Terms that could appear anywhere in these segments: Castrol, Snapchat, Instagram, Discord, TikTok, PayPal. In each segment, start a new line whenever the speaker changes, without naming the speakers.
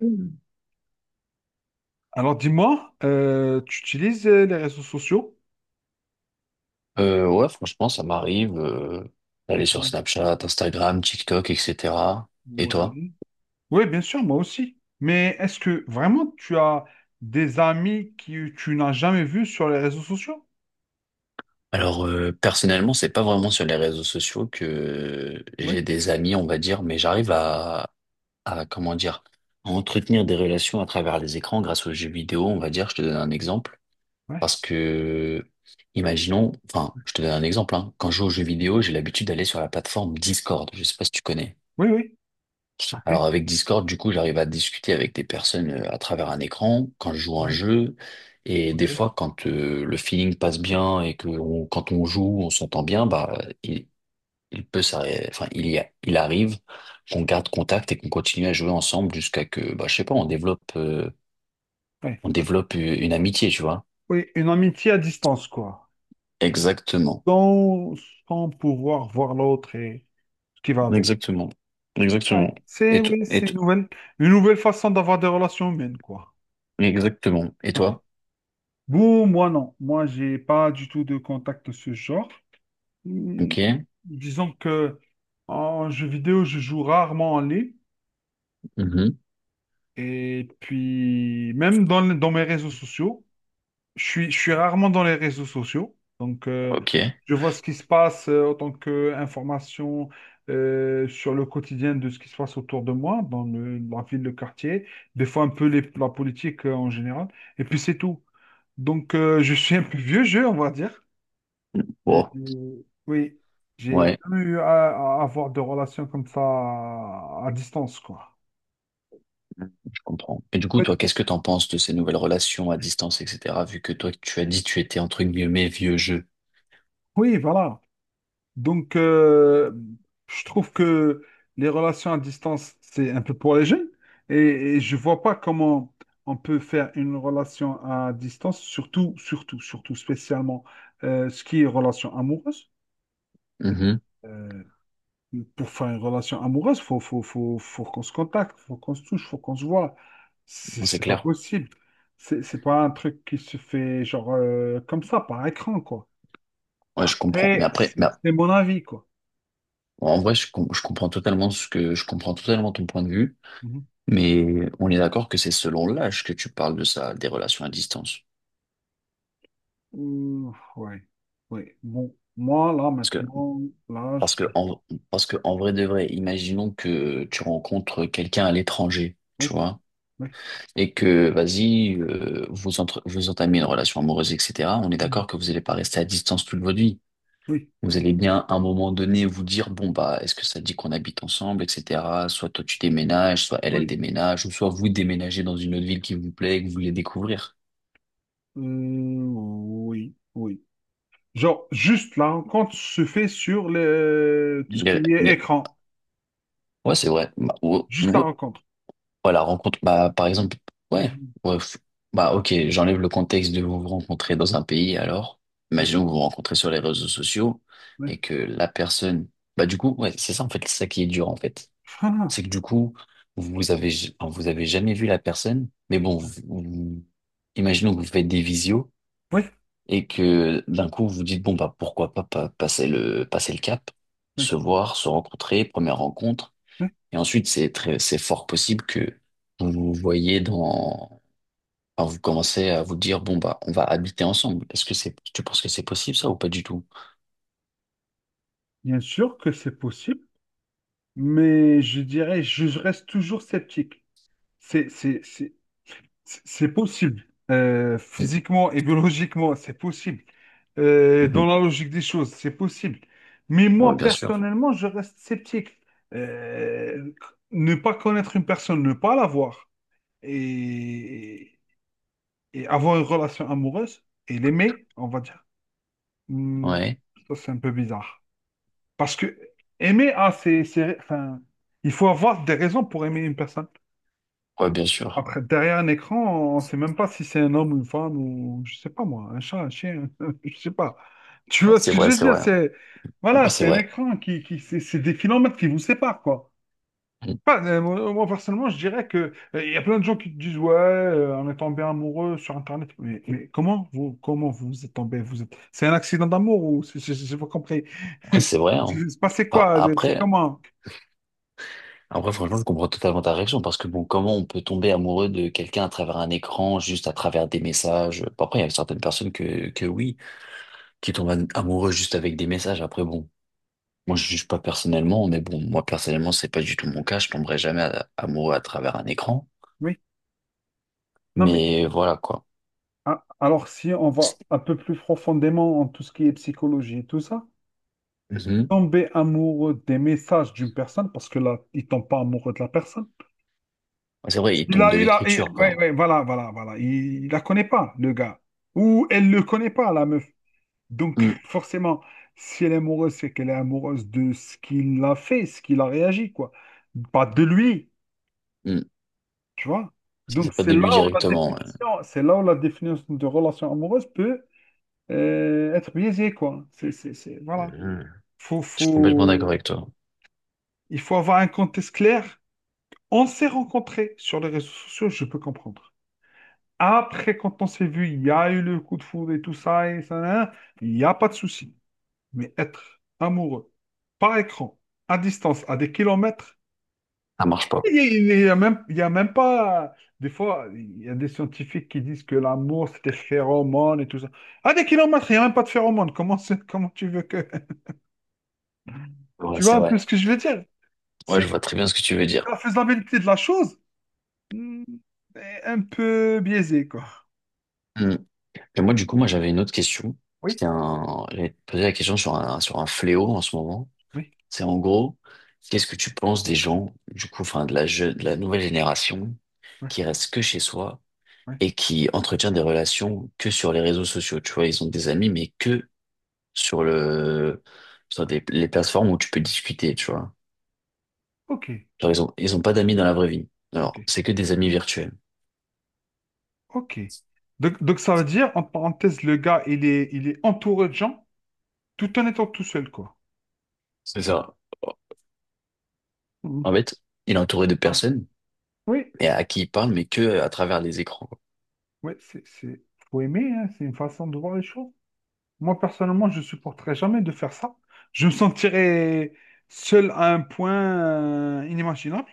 Mhm.
Alors dis-moi, tu utilises les réseaux sociaux?
Ouais, franchement, ça m'arrive d'aller sur Snapchat, Instagram, TikTok, etc. Et toi?
Oui. Oui, bien sûr, moi aussi. Mais est-ce que vraiment tu as des amis que tu n'as jamais vus sur les réseaux sociaux?
Alors, personnellement, c'est pas vraiment sur les réseaux sociaux que
Oui,
j'ai des amis, on va dire, mais comment dire, à entretenir des relations à travers les écrans grâce aux jeux vidéo, on va dire. Je te donne un exemple.
oui,
Parce que, imaginons, enfin, je te donne un exemple, hein. Quand je joue aux jeux vidéo, j'ai l'habitude d'aller sur la plateforme Discord. Je sais pas si tu connais.
oui. Ok,
Alors avec Discord, du coup, j'arrive à discuter avec des personnes à travers un écran quand je joue à un
oui,
jeu. Et des
ok.
fois, quand le feeling passe bien et que quand on joue, on s'entend bien, bah il, il peut s'arrêter. Enfin, il arrive qu'on garde contact et qu'on continue à jouer ensemble jusqu'à que, bah, je sais pas,
Oui,
on développe une amitié, tu vois.
oui, une amitié à distance, quoi.
Exactement,
Sans, sans pouvoir voir l'autre et ce qui va avec.
exactement,
Ouais.
exactement.
C'est
Et, to- et to-
une nouvelle façon d'avoir des relations humaines, quoi.
exactement. Et
Ouais.
toi?
Bon, moi non. Moi, j'ai pas du tout de contact de ce genre. Hmm,
Ok.
disons que en jeu vidéo, je joue rarement en ligne.
Mhm.
Et puis, même dans mes réseaux sociaux, je suis rarement dans les réseaux sociaux. Donc,
Ok.
je vois ce qui se passe en tant qu'information sur le quotidien de ce qui se passe autour de moi, dans la ville, le quartier, des fois un peu la politique en général. Et puis, c'est tout. Donc, je suis un peu vieux jeu, on va dire.
Bon.
Oui, j'ai
Ouais.
jamais eu à avoir de relations comme ça à distance, quoi.
Mhm. Je comprends. Et du coup,
En
toi, qu'est-ce que t'en penses de ces nouvelles relations à distance, etc., vu que toi, tu as dit tu étais entre guillemets vieux jeu.
Oui, voilà. Donc, je trouve que les relations à distance, c'est un peu pour les jeunes. Et, et je vois pas comment on peut faire une relation à distance, surtout, surtout, surtout, spécialement ce qui est relation amoureuse.
Mhm.
Euh, Pour faire une relation amoureuse, faut, faut, faut, faut qu'on se contacte, faut qu'on se touche, faut qu'on se voit. C'est
Non, c'est
c'est pas
clair.
possible. C'est pas un truc qui se fait genre comme ça, par écran, quoi.
Ouais, je comprends. Mais après,
C'est
bah,
mon avis, quoi.
en vrai, je comprends totalement je comprends totalement ton point de vue,
Mhm.
mais on est d'accord que c'est selon l'âge que tu parles de ça, des relations à distance.
Ouh, ouais, ouais. Bon, moi, là,
Parce que,
maintenant, là,
parce que,
je-
en, parce que, en vrai de vrai, imaginons que tu rencontres quelqu'un à l'étranger, tu
oui,
vois.
oui,
Et que, vas-y, vous, vous entamez une relation amoureuse, etc., on est
mm,
d'accord que vous n'allez pas rester à distance toute votre vie.
oui,
Vous allez bien, à un moment donné, vous dire, bon, bah, est-ce que ça dit qu'on habite ensemble, etc. Soit toi, tu déménages, soit elle, elle
oui,
déménage, ou soit vous déménagez dans une autre ville qui vous plaît et que vous voulez découvrir.
euh, oui, oui. Genre, juste la rencontre se fait sur ce qui
Les-
est
les-
écran.
Ouais, c'est vrai. Bah,
Juste la rencontre.
ouais, la rencontre, bah, par exemple, ouais,
Mhm,
ouais, f- bah, ok, j'enlève le contexte de vous vous rencontrez dans un pays, alors,
oui,
imaginons que vous vous rencontrez sur les réseaux sociaux
oui.
et que la personne, bah, du coup, ouais, c'est ça, en fait, c'est ça qui est dur, en fait.
Ah,
C'est que du coup, enfin, vous avez jamais vu la personne, mais bon, imaginons que vous faites des visios
oui,
et que d'un coup, vous vous dites, bon, bah, pourquoi pas, passer le cap,
oui,
se voir, se rencontrer, première rencontre.
oui.
Et ensuite, c'est fort possible que vous vous voyez dans, enfin, vous commencez à vous dire, bon, bah, on va habiter ensemble. Tu penses que c'est possible ça ou pas du tout?
Bien sûr que c'est possible, mais je dirais, je reste toujours sceptique. C'est, c'est, c'est, c'est possible. Physiquement et biologiquement, c'est possible.
Mm,
Dans
mhm.
la logique des choses, c'est possible. Mais
Ouais,
moi,
bien sûr.
personnellement, je reste sceptique. Euh, Ne pas connaître une personne, ne pas la voir et, et avoir une relation amoureuse et l'aimer, on va dire, hmm,
Ouais.
ça, c'est un peu bizarre. Parce que aimer, enfin, il faut avoir des raisons pour aimer une personne.
Ouais, bien sûr.
Après, derrière un écran, on ne sait même pas si c'est un homme ou une femme ou, je sais pas moi, un chat, un chien, je sais pas. Tu
Ouais,
vois ce
c'est
que
vrai,
je veux
c'est
dire?
vrai. Ouais,
Voilà,
c'est
c'est un
vrai.
écran qui c'est des kilomètres qui vous séparent, quoi.
Mm.
Pas, personnellement, je dirais que il y a plein de gens qui te disent, ouais, on est tombé amoureux sur Internet. Mais comment comment vous êtes tombé? C'est un accident d'amour ou j'ai pas compris.
Ouais, c'est vrai, hein.
C'est passé
Bah,
quoi? C'est
après,
comment?
après, franchement, je comprends totalement ta réaction parce que bon, comment on peut tomber amoureux de quelqu'un à travers un écran, juste à travers des messages? Bah, après, il y a certaines personnes que oui, qui tombent amoureux juste avec des messages. Après, bon. Moi, je juge pas personnellement, mais bon, moi, personnellement, c'est pas du tout mon cas. Je tomberai jamais amoureux à travers un écran.
Oui, non, mais
Mais voilà, quoi.
alors si on va un peu plus profondément en tout ce qui est psychologie et tout ça,
Mhm.
tomber amoureux des messages d'une personne, parce que là, il tombe pas amoureux de la personne.
C'est vrai, il tombe de l'écriture,
Ouais,
quoi.
ouais, voilà. Il la connaît pas, le gars. Ou elle le connaît pas, la meuf. Donc,
Mhm.
forcément, si elle est amoureuse, c'est qu'elle est amoureuse de ce qu'il a fait, ce qu'il a réagi, quoi. Pas de lui,
Mhm.
tu vois.
Ça,
Donc,
c'est pas de lui directement. Ouais.
c'est là où la définition de relation amoureuse peut être biaisé, quoi. Voilà.
Mhm.
Faut,
Je suis complètement d'accord
faut...
avec toi.
Il faut avoir un contexte clair. On s'est rencontrés sur les réseaux sociaux, je peux comprendre. Après, quand on s'est vu, il y a eu le coup de foudre et tout ça, et ça, nan, nan, il n'y a pas de souci. Mais être amoureux, par écran, à distance, à des kilomètres,
Ça marche pas.
il y a même pas... Des fois, il y a des scientifiques qui disent que l'amour, c'est des phéromones et tout ça. À des kilomètres, il n'y a même pas de phéromones. Comment tu veux que...
Ouais,
Tu vois
c'est
un peu
vrai.
ce que je veux dire?
Ouais, je
C'est
vois très bien ce que tu veux
c'est que
dire.
la faisabilité de la chose hmm, est un peu biaisée, quoi.
Mhm. Et moi, du coup, moi, j'avais une autre question.
Oui,
C'était un, j'avais posé la question sur un fléau en ce moment.
oui,
C'est en gros, qu'est-ce que tu penses des gens, du coup, enfin, de la nouvelle génération
ouais,
qui reste que chez soi
ouais.
et qui entretient des relations que sur les réseaux sociaux. Tu vois, ils ont des amis, mais que sur le, sur les plateformes où tu peux discuter, tu vois.
Ok,
Genre, ils ont pas d'amis dans la vraie vie.
ok,
Alors, c'est que des amis virtuels.
ok. Donc ça veut dire, en parenthèse, le gars, il est entouré de gens tout en étant tout seul, quoi.
C'est ça.
Hmm.
En fait, il est entouré de
Ah,
personnes
oui,
et à qui il parle, mais que à travers les écrans, quoi.
oui, faut aimer, hein, c'est une façon de voir les choses. Moi, personnellement, je supporterais jamais de faire ça. Je me sentirais seul à un point inimaginable,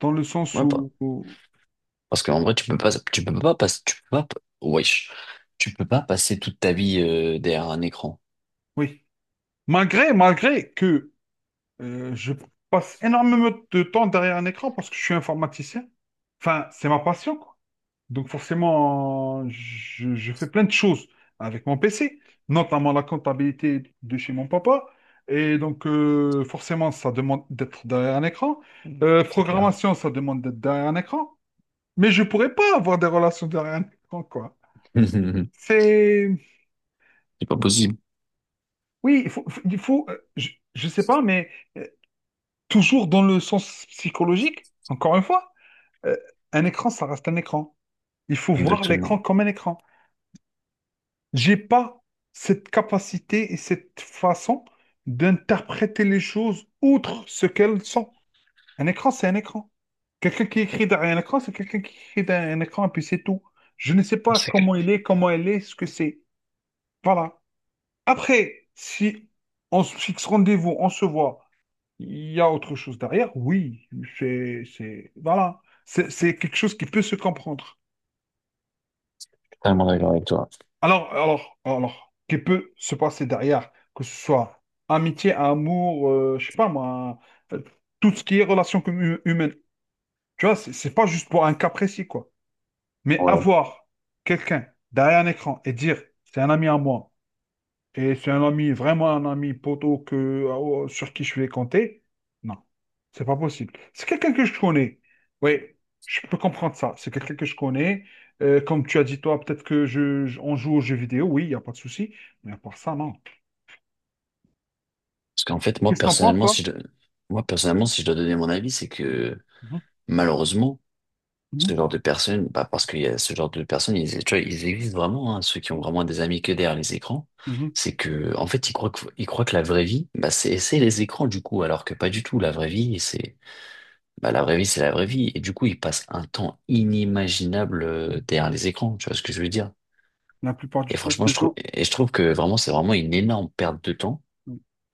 dans le sens
Ouais, parce qu'en vrai, tu peux pas passer, tu peux pas, wesh, tu peux pas passer toute ta vie derrière un écran,
oui. Malgré que je passe énormément de temps derrière un écran parce que je suis informaticien, enfin, c'est ma passion, quoi. Donc forcément, je fais plein de choses avec mon PC, notamment la comptabilité de chez mon papa. Et donc, forcément, ça demande d'être derrière un écran.
c'est clair.
Programmation, ça demande d'être derrière un écran. Mais je pourrais pas avoir des relations derrière un écran, quoi.
C'est
C'est...
pas possible.
Oui, il faut... il faut il faut- je sais pas, mais... euh, Toujours dans le sens psychologique, encore une fois, euh, un écran, ça reste un écran. Il faut voir l'écran
Exactement.
comme un écran. J'ai pas cette capacité et cette façon d'interpréter les choses outre ce qu'elles sont. Un écran, c'est un écran. Quelqu'un qui écrit derrière un écran, c'est quelqu'un qui écrit derrière un écran, et puis c'est tout. Je ne sais pas
C'est clair.
comment il est, comment elle est, ce que c'est. Voilà. Après, si on se fixe rendez-vous, on se voit, il y a autre chose derrière, oui, c'est, voilà, c'est quelque chose qui peut se comprendre.
Totalement d'accord avec toi.
Alors, qui peut se passer derrière, que ce soit amitié, amour, je sais pas moi, euh, tout ce qui est relation humaine. Tu vois, c'est pas juste pour un cas précis, quoi. Mais
Ouais.
avoir quelqu'un derrière un écran et dire, c'est un ami à moi. Et c'est un ami, vraiment un ami poteau que, sur qui je vais compter. Non, c'est pas possible. C'est quelqu'un que je connais. Oui, je peux comprendre ça. C'est quelqu'un que je connais. Comme tu as dit, toi, peut-être que on joue aux jeux vidéo. Oui, il n'y a pas de souci. Mais à part ça, non.
Parce qu'en fait,
Qu'est-ce que t'en penses, toi?
moi, personnellement, si je dois donner mon avis, c'est que,
Mhm,
malheureusement,
mhm,
ce genre de personnes, bah, parce qu'il y a ce genre de personnes, ils, tu vois, ils existent vraiment, hein, ceux qui ont vraiment des amis que derrière les écrans.
mhm,
C'est que, en fait, ils croient que la vraie vie, bah, c'est les écrans, du coup, alors que pas du tout. La vraie vie, c'est, Bah, la vraie vie, c'est la vraie vie. Et du coup, ils passent un temps inimaginable
mhm.
derrière les écrans. Tu vois ce que je veux dire?
La plupart
Et
du temps,
franchement,
c'est toujours-
et je trouve que vraiment, c'est vraiment une énorme perte de temps.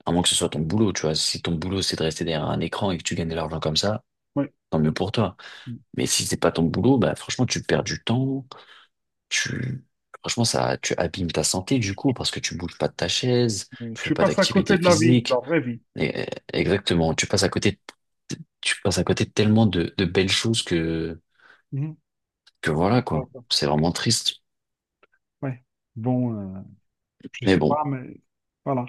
À moins que ce soit ton boulot, tu vois. Si ton boulot, c'est de rester derrière un écran et que tu gagnes de l'argent comme ça,
Oui,
tant mieux pour toi. Mais si c'est pas ton boulot, bah, franchement, tu perds du temps. Tu, franchement, ça, tu abîmes ta santé, du coup, parce que tu bouges pas de ta chaise,
oui.
tu fais
Tu
pas
passes à
d'activité
côté de la vie, de la
physique.
vraie vie.
Et- exactement. Tu passes à côté de tellement de belles choses
Mhm.
que voilà, quoi.
D'accord.
C'est vraiment triste.
Ouais. Bon, euh, je
Mais
sais
bon,
pas, mais voilà.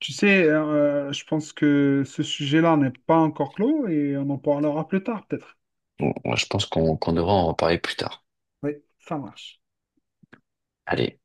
Tu sais, je pense que ce sujet-là n'est pas encore clos et on en parlera plus tard, peut-être.
je pense qu'on devra en reparler plus tard.
Oui, ça marche.
Allez.